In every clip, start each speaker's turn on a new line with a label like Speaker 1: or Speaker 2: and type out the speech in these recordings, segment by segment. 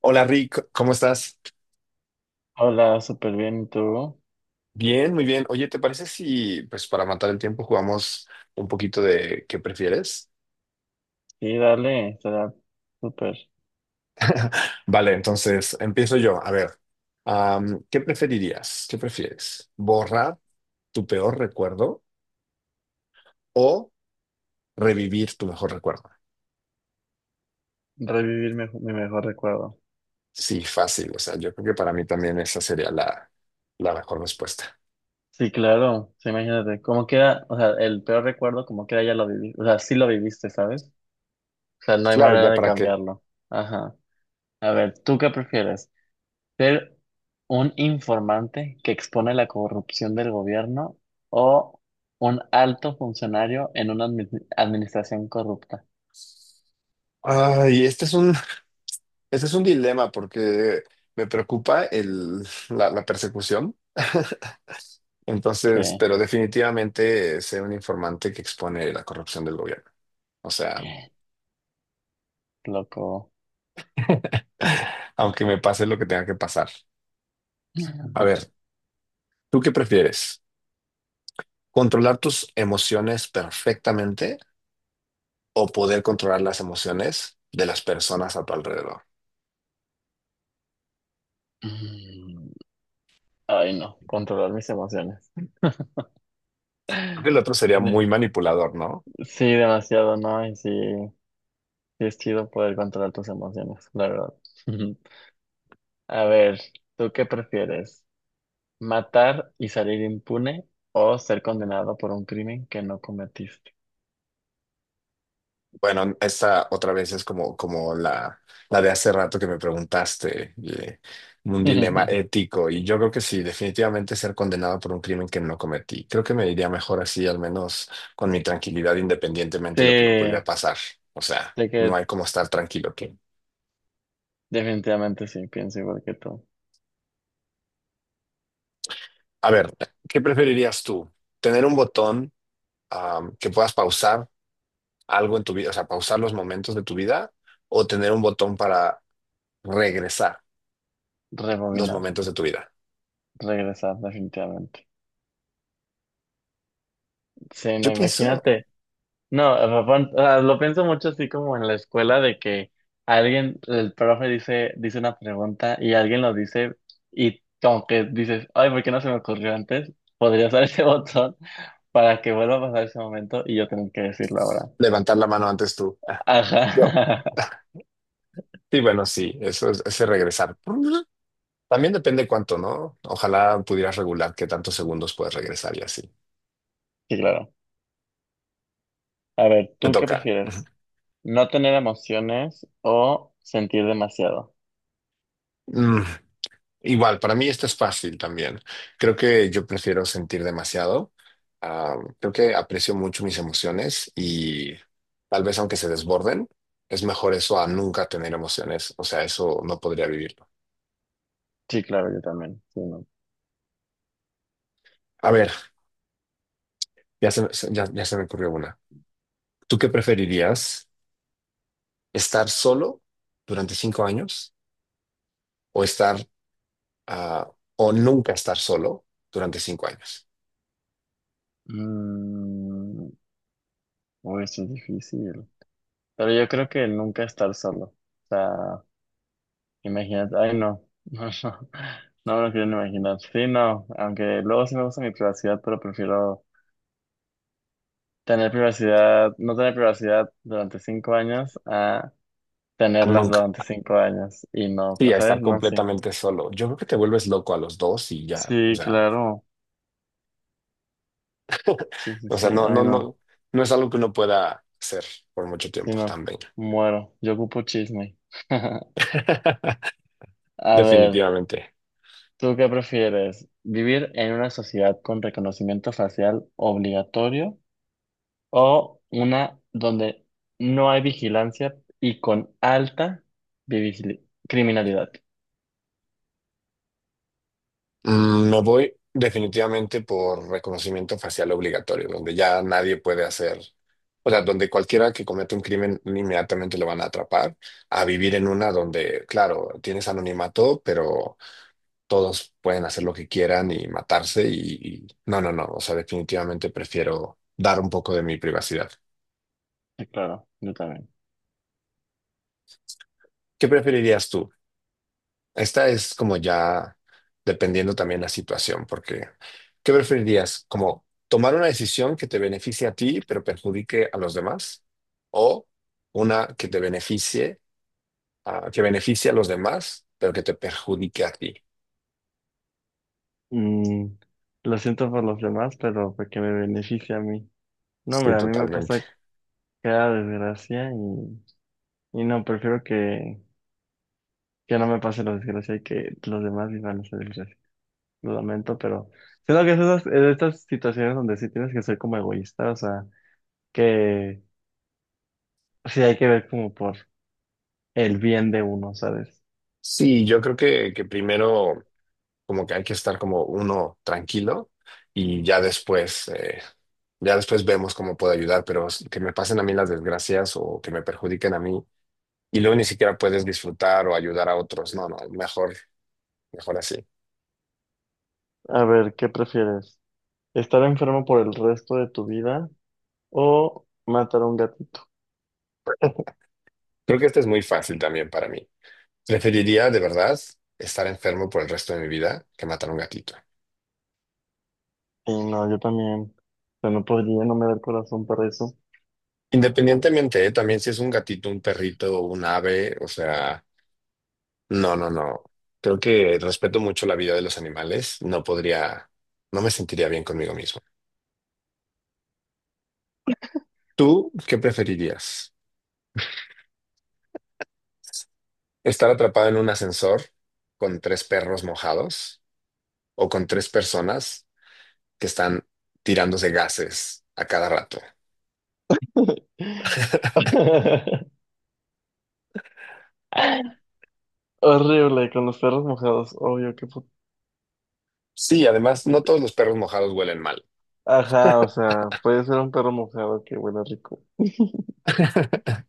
Speaker 1: Hola, Rick, ¿cómo estás?
Speaker 2: Hola, súper bien, ¿y tú?
Speaker 1: Bien, muy bien. Oye, ¿te parece si, pues, para matar el tiempo jugamos un poquito de qué prefieres?
Speaker 2: Sí, dale, será súper
Speaker 1: Vale, entonces empiezo yo. A ver, ¿qué preferirías? ¿Qué prefieres? ¿Borrar tu peor recuerdo o revivir tu mejor recuerdo?
Speaker 2: revivir mi mejor recuerdo.
Speaker 1: Sí, fácil. O sea, yo creo que para mí también esa sería la mejor respuesta.
Speaker 2: Sí, claro, sí, imagínate, cómo queda, o sea, el peor recuerdo, como queda, ya lo viví, o sea, sí lo viviste, ¿sabes? O sea, no hay
Speaker 1: Claro,
Speaker 2: manera
Speaker 1: ¿ya
Speaker 2: de
Speaker 1: para qué?
Speaker 2: cambiarlo. Ajá. A ver, ¿tú qué prefieres? ¿Ser un informante que expone la corrupción del gobierno o un alto funcionario en una administración corrupta?
Speaker 1: Ay, este es un dilema porque me preocupa la persecución. Entonces,
Speaker 2: Sí,
Speaker 1: pero definitivamente sé un informante que expone la corrupción del gobierno. O sea,
Speaker 2: loco.
Speaker 1: aunque me pase lo que tenga que pasar. A ver, ¿tú qué prefieres? ¿Controlar tus emociones perfectamente o poder controlar las emociones de las personas a tu alrededor?
Speaker 2: Mm. Ay, no, controlar mis emociones.
Speaker 1: Creo que el otro sería
Speaker 2: De-
Speaker 1: muy manipulador, ¿no?
Speaker 2: Sí, demasiado, ¿no? Y sí, sí es chido poder controlar tus emociones, la verdad. A ver, ¿tú qué prefieres? ¿Matar y salir impune o ser condenado por un crimen que no cometiste?
Speaker 1: Bueno, esta otra vez es como la de hace rato que me preguntaste, un dilema ético, y yo creo que sí, definitivamente ser condenado por un crimen que no cometí. Creo que me iría mejor así, al menos con mi tranquilidad,
Speaker 2: Sí,
Speaker 1: independientemente de lo que me pudiera
Speaker 2: de
Speaker 1: pasar. O sea, no
Speaker 2: que
Speaker 1: hay como estar tranquilo aquí.
Speaker 2: definitivamente sí, pienso igual que tú.
Speaker 1: A ver, ¿qué preferirías tú? ¿Tener un botón, que puedas pausar algo en tu vida, o sea, pausar los momentos de tu vida, o tener un botón para regresar los
Speaker 2: Rebobinar,
Speaker 1: momentos de tu vida?
Speaker 2: regresar, definitivamente. Sí, no,
Speaker 1: Yo pienso.
Speaker 2: imagínate. No, Rafa, o sea, lo pienso mucho así como en la escuela de que alguien, el profe dice una pregunta y alguien lo dice y como que dices, ay, ¿por qué no se me ocurrió antes? Podría usar ese botón para que vuelva a pasar ese momento y yo tengo que decirlo ahora.
Speaker 1: Levantar la mano antes tú. Ah, yo.
Speaker 2: Ajá.
Speaker 1: Sí, bueno, sí, eso es ese regresar. También depende cuánto, ¿no? Ojalá pudieras regular qué tantos segundos puedes regresar y así.
Speaker 2: Sí, claro. A ver,
Speaker 1: Me
Speaker 2: ¿tú qué
Speaker 1: toca.
Speaker 2: prefieres? ¿No tener emociones o sentir demasiado?
Speaker 1: Mm, Igual, para mí esto es fácil también. Creo que yo prefiero sentir demasiado. Ah, creo que aprecio mucho mis emociones y tal vez aunque se desborden, es mejor eso a nunca tener emociones. O sea, eso no podría vivirlo.
Speaker 2: Sí, claro, yo también. Sí, no.
Speaker 1: A ver, ya se me ocurrió una. ¿Tú qué preferirías? Estar solo durante 5 años o ah, o nunca estar solo durante 5 años.
Speaker 2: Mm, uy, eso es difícil. Pero yo creo que nunca estar solo. O sea, imagínate, ay no, no, no, no me lo quiero ni imaginar. Sí, no, aunque luego sí me gusta mi privacidad, pero prefiero tener privacidad, no tener privacidad durante cinco años a
Speaker 1: A
Speaker 2: tenerlas
Speaker 1: nunca.
Speaker 2: durante cinco años y no,
Speaker 1: Sí, a estar
Speaker 2: ¿sabes? No, sí.
Speaker 1: completamente solo. Yo creo que te vuelves loco a los dos y ya. O
Speaker 2: Sí,
Speaker 1: sea,
Speaker 2: claro, sí, sí,
Speaker 1: o
Speaker 2: sí,
Speaker 1: sea, no,
Speaker 2: ay
Speaker 1: no,
Speaker 2: no,
Speaker 1: no, no es algo que uno pueda hacer por mucho
Speaker 2: sí,
Speaker 1: tiempo
Speaker 2: no,
Speaker 1: también.
Speaker 2: muero, yo ocupo chisme. A ver,
Speaker 1: Definitivamente.
Speaker 2: ¿tú qué prefieres? ¿Vivir en una sociedad con reconocimiento facial obligatorio? O una donde no hay vigilancia y con alta criminalidad.
Speaker 1: Me voy definitivamente por reconocimiento facial obligatorio, donde ya nadie puede hacer, o sea, donde cualquiera que cometa un crimen inmediatamente lo van a atrapar, a vivir en una donde, claro, tienes anonimato, pero todos pueden hacer lo que quieran y matarse no, no, no, o sea, definitivamente prefiero dar un poco de mi privacidad.
Speaker 2: Sí, claro, yo también.
Speaker 1: ¿Qué preferirías tú? Esta es como ya dependiendo también la situación, porque ¿qué preferirías? ¿Como tomar una decisión que te beneficie a ti pero perjudique a los demás? ¿O una que beneficie a los demás pero que te perjudique a ti?
Speaker 2: Mm, lo siento por los demás, pero porque me beneficia a mí. No,
Speaker 1: Sí,
Speaker 2: hombre, a mí me
Speaker 1: totalmente.
Speaker 2: pasa cada desgracia y no, prefiero que no me pase la desgracia y que los demás vivan esa desgracia. Lo lamento, pero siento que es esas, es de estas situaciones donde sí tienes que ser como egoísta, o sea, que sí hay que ver como por el bien de uno, ¿sabes?
Speaker 1: Sí, yo creo que primero como que hay que estar como uno tranquilo y ya después vemos cómo puedo ayudar, pero que me pasen a mí las desgracias o que me perjudiquen a mí, y luego ni siquiera puedes disfrutar o ayudar a otros. No, no, mejor así.
Speaker 2: A ver, ¿qué prefieres? ¿Estar enfermo por el resto de tu vida o matar a un gatito?
Speaker 1: Creo que este es muy fácil también para mí. Preferiría de verdad estar enfermo por el resto de mi vida que matar a un gatito.
Speaker 2: Y no, yo también. O sea, no podría, no me da el corazón para eso.
Speaker 1: Independientemente, ¿eh? También si es un gatito, un perrito, un ave, o sea, no, no, no. Creo que respeto mucho la vida de los animales. No podría, no me sentiría bien conmigo mismo. ¿Tú qué preferirías? ¿Estar atrapado en un ascensor con tres perros mojados o con tres personas que están tirándose gases a cada rato?
Speaker 2: Horrible, con los perros mojados. Obvio, qué puto.
Speaker 1: Sí, además, no todos los perros mojados huelen mal.
Speaker 2: Ajá, o sea, puede ser un perro mojado que huele rico.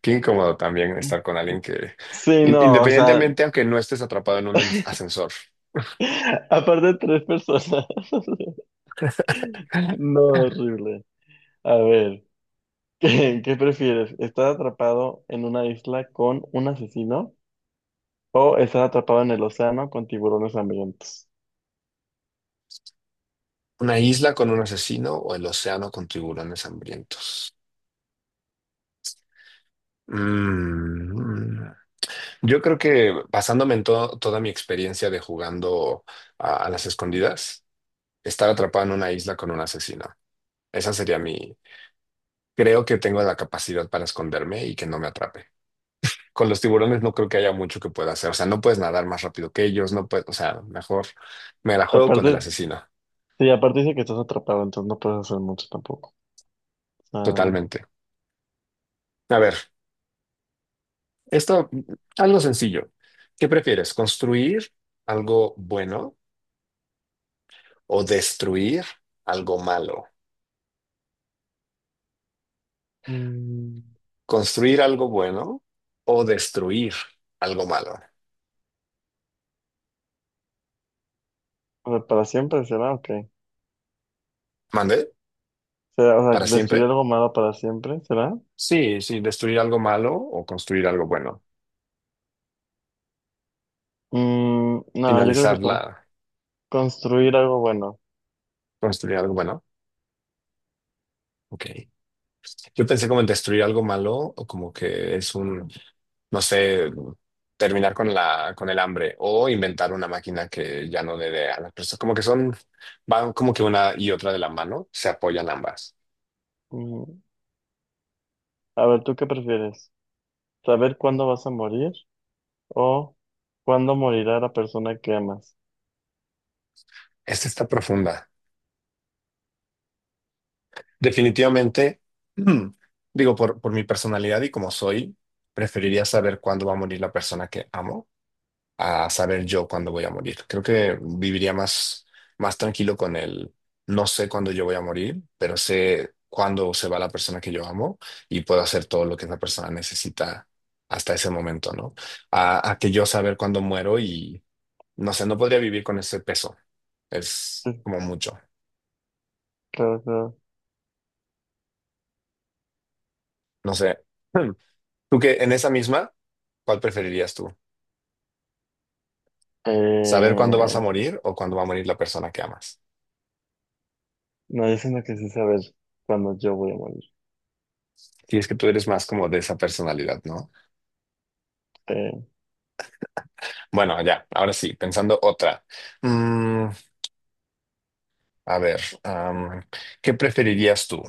Speaker 1: Qué incómodo también estar con alguien que,
Speaker 2: Sí,
Speaker 1: in-
Speaker 2: no, o sea,
Speaker 1: independientemente, aunque no estés atrapado en un ascensor,
Speaker 2: aparte de tres personas. No, horrible. A ver, ¿qué, qué prefieres? ¿Estar atrapado en una isla con un asesino? ¿O estás atrapado en el océano con tiburones hambrientos?
Speaker 1: una isla con un asesino o el océano con tiburones hambrientos. Mm. Yo creo que basándome en toda mi experiencia de jugando a las escondidas, estar atrapado en una isla con un asesino. Esa sería mi... Creo que tengo la capacidad para esconderme y que no me atrape. Con los tiburones no creo que haya mucho que pueda hacer. O sea, no puedes nadar más rápido que ellos, no puedes, o sea, mejor me la juego con el
Speaker 2: Aparte,
Speaker 1: asesino,
Speaker 2: sí, aparte dice que estás atrapado, entonces no puedes hacer mucho tampoco. O sea,
Speaker 1: totalmente. A ver, esto, algo sencillo. ¿Qué prefieres? ¿Construir algo bueno o destruir algo malo?
Speaker 2: mm,
Speaker 1: ¿Construir algo bueno o destruir algo malo?
Speaker 2: o sea, para siempre será, ok.
Speaker 1: ¿Mande?
Speaker 2: ¿Será, o sea,
Speaker 1: ¿Para
Speaker 2: destruir
Speaker 1: siempre?
Speaker 2: algo malo para siempre, será?
Speaker 1: Sí, sí, destruir algo malo o construir algo bueno.
Speaker 2: No, yo creo que
Speaker 1: Finalizarla,
Speaker 2: construir algo bueno.
Speaker 1: construir algo bueno. Ok. Yo pensé como en destruir algo malo o como que es un, no sé, terminar con la, con el hambre o inventar una máquina que ya no le dé a las personas. Como que son, van como que una y otra de la mano, se apoyan ambas.
Speaker 2: Mm, a ver, ¿tú qué prefieres? ¿Saber cuándo vas a morir o cuándo morirá la persona que amas?
Speaker 1: Esta está profunda. Definitivamente, mm, digo, por mi personalidad y como soy, preferiría saber cuándo va a morir la persona que amo a saber yo cuándo voy a morir. Creo que viviría más tranquilo con el no sé cuándo yo voy a morir, pero sé cuándo se va la persona que yo amo y puedo hacer todo lo que esa persona necesita hasta ese momento, ¿no? A que yo saber cuándo muero y no sé, no podría vivir con ese peso. Es
Speaker 2: Sí,
Speaker 1: como mucho.
Speaker 2: claro, claro.
Speaker 1: No sé. Hmm. Tú que en esa misma, ¿cuál preferirías tú? ¿Saber cuándo vas a
Speaker 2: Eh,
Speaker 1: morir o cuándo va a morir la persona que amas?
Speaker 2: no, yo siento que sí saber cuándo yo voy a morir.
Speaker 1: Y es que tú eres más como de esa personalidad.
Speaker 2: Eh,
Speaker 1: Bueno, ya, ahora sí, pensando otra. Mm, a ver, ¿qué preferirías tú?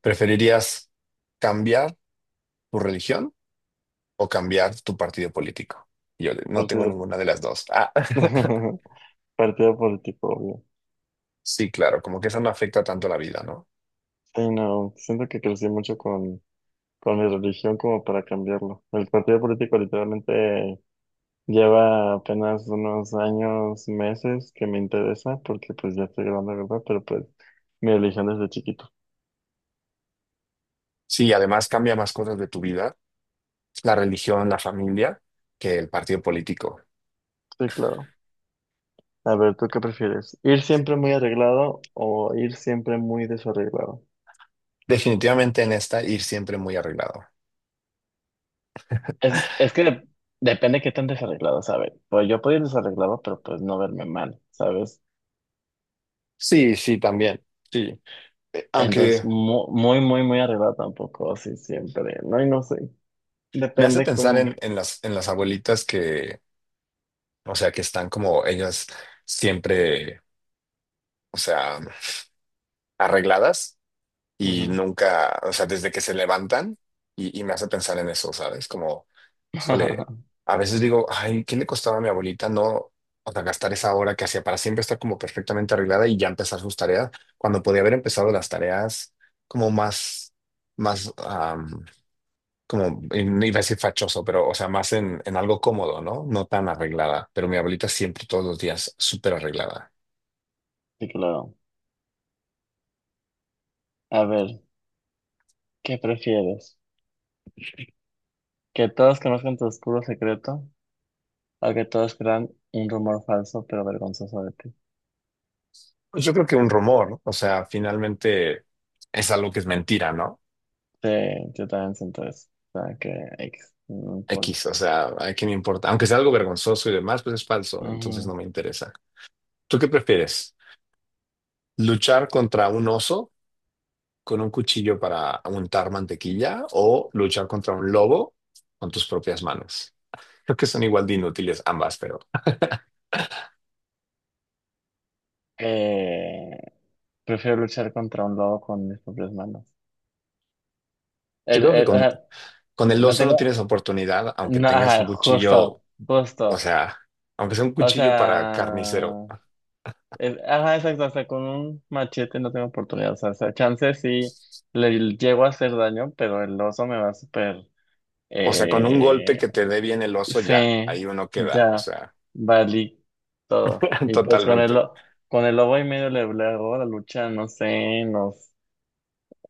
Speaker 1: ¿Preferirías cambiar tu religión o cambiar tu partido político? Yo no tengo
Speaker 2: Partido.
Speaker 1: ninguna de las dos. Ah,
Speaker 2: Partido político, obvio.
Speaker 1: sí, claro, como que eso no afecta tanto la vida, ¿no?
Speaker 2: Sí, no, siento que crecí mucho con mi religión como para cambiarlo. El partido político literalmente lleva apenas unos años, meses que me interesa, porque pues ya estoy grande, ¿verdad? Pero pues mi religión desde chiquito.
Speaker 1: Sí, además cambia más cosas de tu vida, la religión, la familia, que el partido político.
Speaker 2: Sí, claro. A ver, ¿tú qué prefieres? ¿Ir siempre muy arreglado o ir siempre muy desarreglado?
Speaker 1: Definitivamente en esta ir siempre muy arreglado.
Speaker 2: Es que depende qué tan desarreglado, ¿sabes? Pues yo puedo ir desarreglado, pero pues no verme mal, ¿sabes?
Speaker 1: Sí, sí, también. Sí.
Speaker 2: Entonces,
Speaker 1: Aunque
Speaker 2: muy, muy, muy arriba tampoco, así siempre. No, y no sé.
Speaker 1: me hace
Speaker 2: Depende
Speaker 1: pensar
Speaker 2: cómo.
Speaker 1: en las abuelitas que o sea, que están como ellas siempre, o sea, arregladas y
Speaker 2: Ujú.
Speaker 1: nunca, o sea, desde que se levantan y me hace pensar en eso, ¿sabes? Suele, a veces digo, ay, ¿qué le costaba a mi abuelita no, o sea, gastar esa hora que hacía para siempre estar como perfectamente arreglada y ya empezar sus tareas cuando podía haber empezado las tareas como más, y no iba a decir fachoso, pero, o sea, más en algo cómodo, ¿no? No tan arreglada, pero mi abuelita siempre todos los días súper arreglada.
Speaker 2: Sí, claro. A ver, ¿qué prefieres? ¿Que todos conozcan tu oscuro secreto? ¿O que todos crean un rumor falso pero vergonzoso de ti?
Speaker 1: Pues yo creo que un rumor, ¿no? O sea, finalmente es algo que es mentira, ¿no?
Speaker 2: Sí, yo también siento eso. O sea, que X, no importa.
Speaker 1: X, o sea, ¿a quién me importa? Aunque sea algo vergonzoso y demás, pues es falso, entonces
Speaker 2: Ujú.
Speaker 1: no me interesa. ¿Tú qué prefieres? ¿Luchar contra un oso con un cuchillo para untar mantequilla o luchar contra un lobo con tus propias manos? Creo que son igual de inútiles ambas, pero
Speaker 2: Eh, prefiero luchar contra un lobo con mis propias manos.
Speaker 1: yo
Speaker 2: El,
Speaker 1: creo que con,
Speaker 2: ajá,
Speaker 1: con el
Speaker 2: no
Speaker 1: oso no
Speaker 2: tengo.
Speaker 1: tienes oportunidad, aunque
Speaker 2: No,
Speaker 1: tengas
Speaker 2: ajá,
Speaker 1: un cuchillo,
Speaker 2: justo,
Speaker 1: o
Speaker 2: justo.
Speaker 1: sea, aunque sea un
Speaker 2: O
Speaker 1: cuchillo para
Speaker 2: sea,
Speaker 1: carnicero.
Speaker 2: ajá, exacto, o sea, con un machete no tengo oportunidad, o sea, chance sí le llego a hacer daño, pero el oso me va a super,
Speaker 1: O sea, con un golpe
Speaker 2: eh,
Speaker 1: que te dé bien el oso ya,
Speaker 2: sí,
Speaker 1: ahí uno queda, o
Speaker 2: ya,
Speaker 1: sea,
Speaker 2: valí todo. Y pues con el,
Speaker 1: totalmente.
Speaker 2: con el lobo y medio le, le hago la lucha, no sé, nos,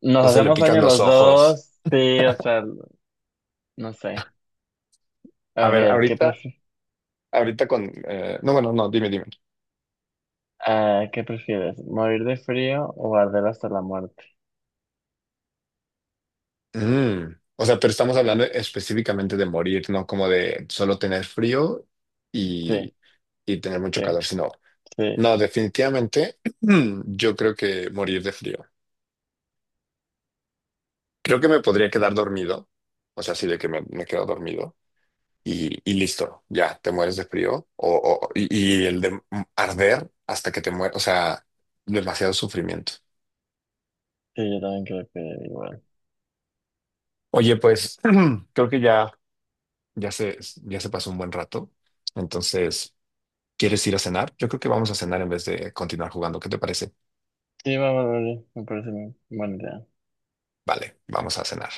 Speaker 2: nos
Speaker 1: No se le
Speaker 2: hacemos
Speaker 1: pican
Speaker 2: daño
Speaker 1: los
Speaker 2: los
Speaker 1: ojos.
Speaker 2: dos, sí, o sea, no sé, a
Speaker 1: A ver,
Speaker 2: ver, ¿qué
Speaker 1: ahorita,
Speaker 2: prefieres?
Speaker 1: ahorita con... no, bueno, no, dime, dime.
Speaker 2: Ah, ¿qué prefieres? ¿Morir de frío o arder hasta la muerte?
Speaker 1: O sea, pero estamos hablando específicamente de morir, no como de solo tener frío y,
Speaker 2: Sí,
Speaker 1: y tener mucho
Speaker 2: sí,
Speaker 1: calor, sino...
Speaker 2: sí,
Speaker 1: No, definitivamente yo creo que morir de frío. Creo que me podría quedar dormido, o sea, sí de que me quedo dormido, y listo, ya te mueres de frío y el de arder hasta que te mueres, o sea, demasiado sufrimiento.
Speaker 2: sí, yo también creo que igual.
Speaker 1: Oye, pues creo que ya se, ya se pasó un buen rato, entonces, ¿quieres ir a cenar? Yo creo que vamos a cenar en vez de continuar jugando, ¿qué te parece?
Speaker 2: Sí, va, vale, vale, me parece bien. Buena idea.
Speaker 1: Vale, vamos a cenar.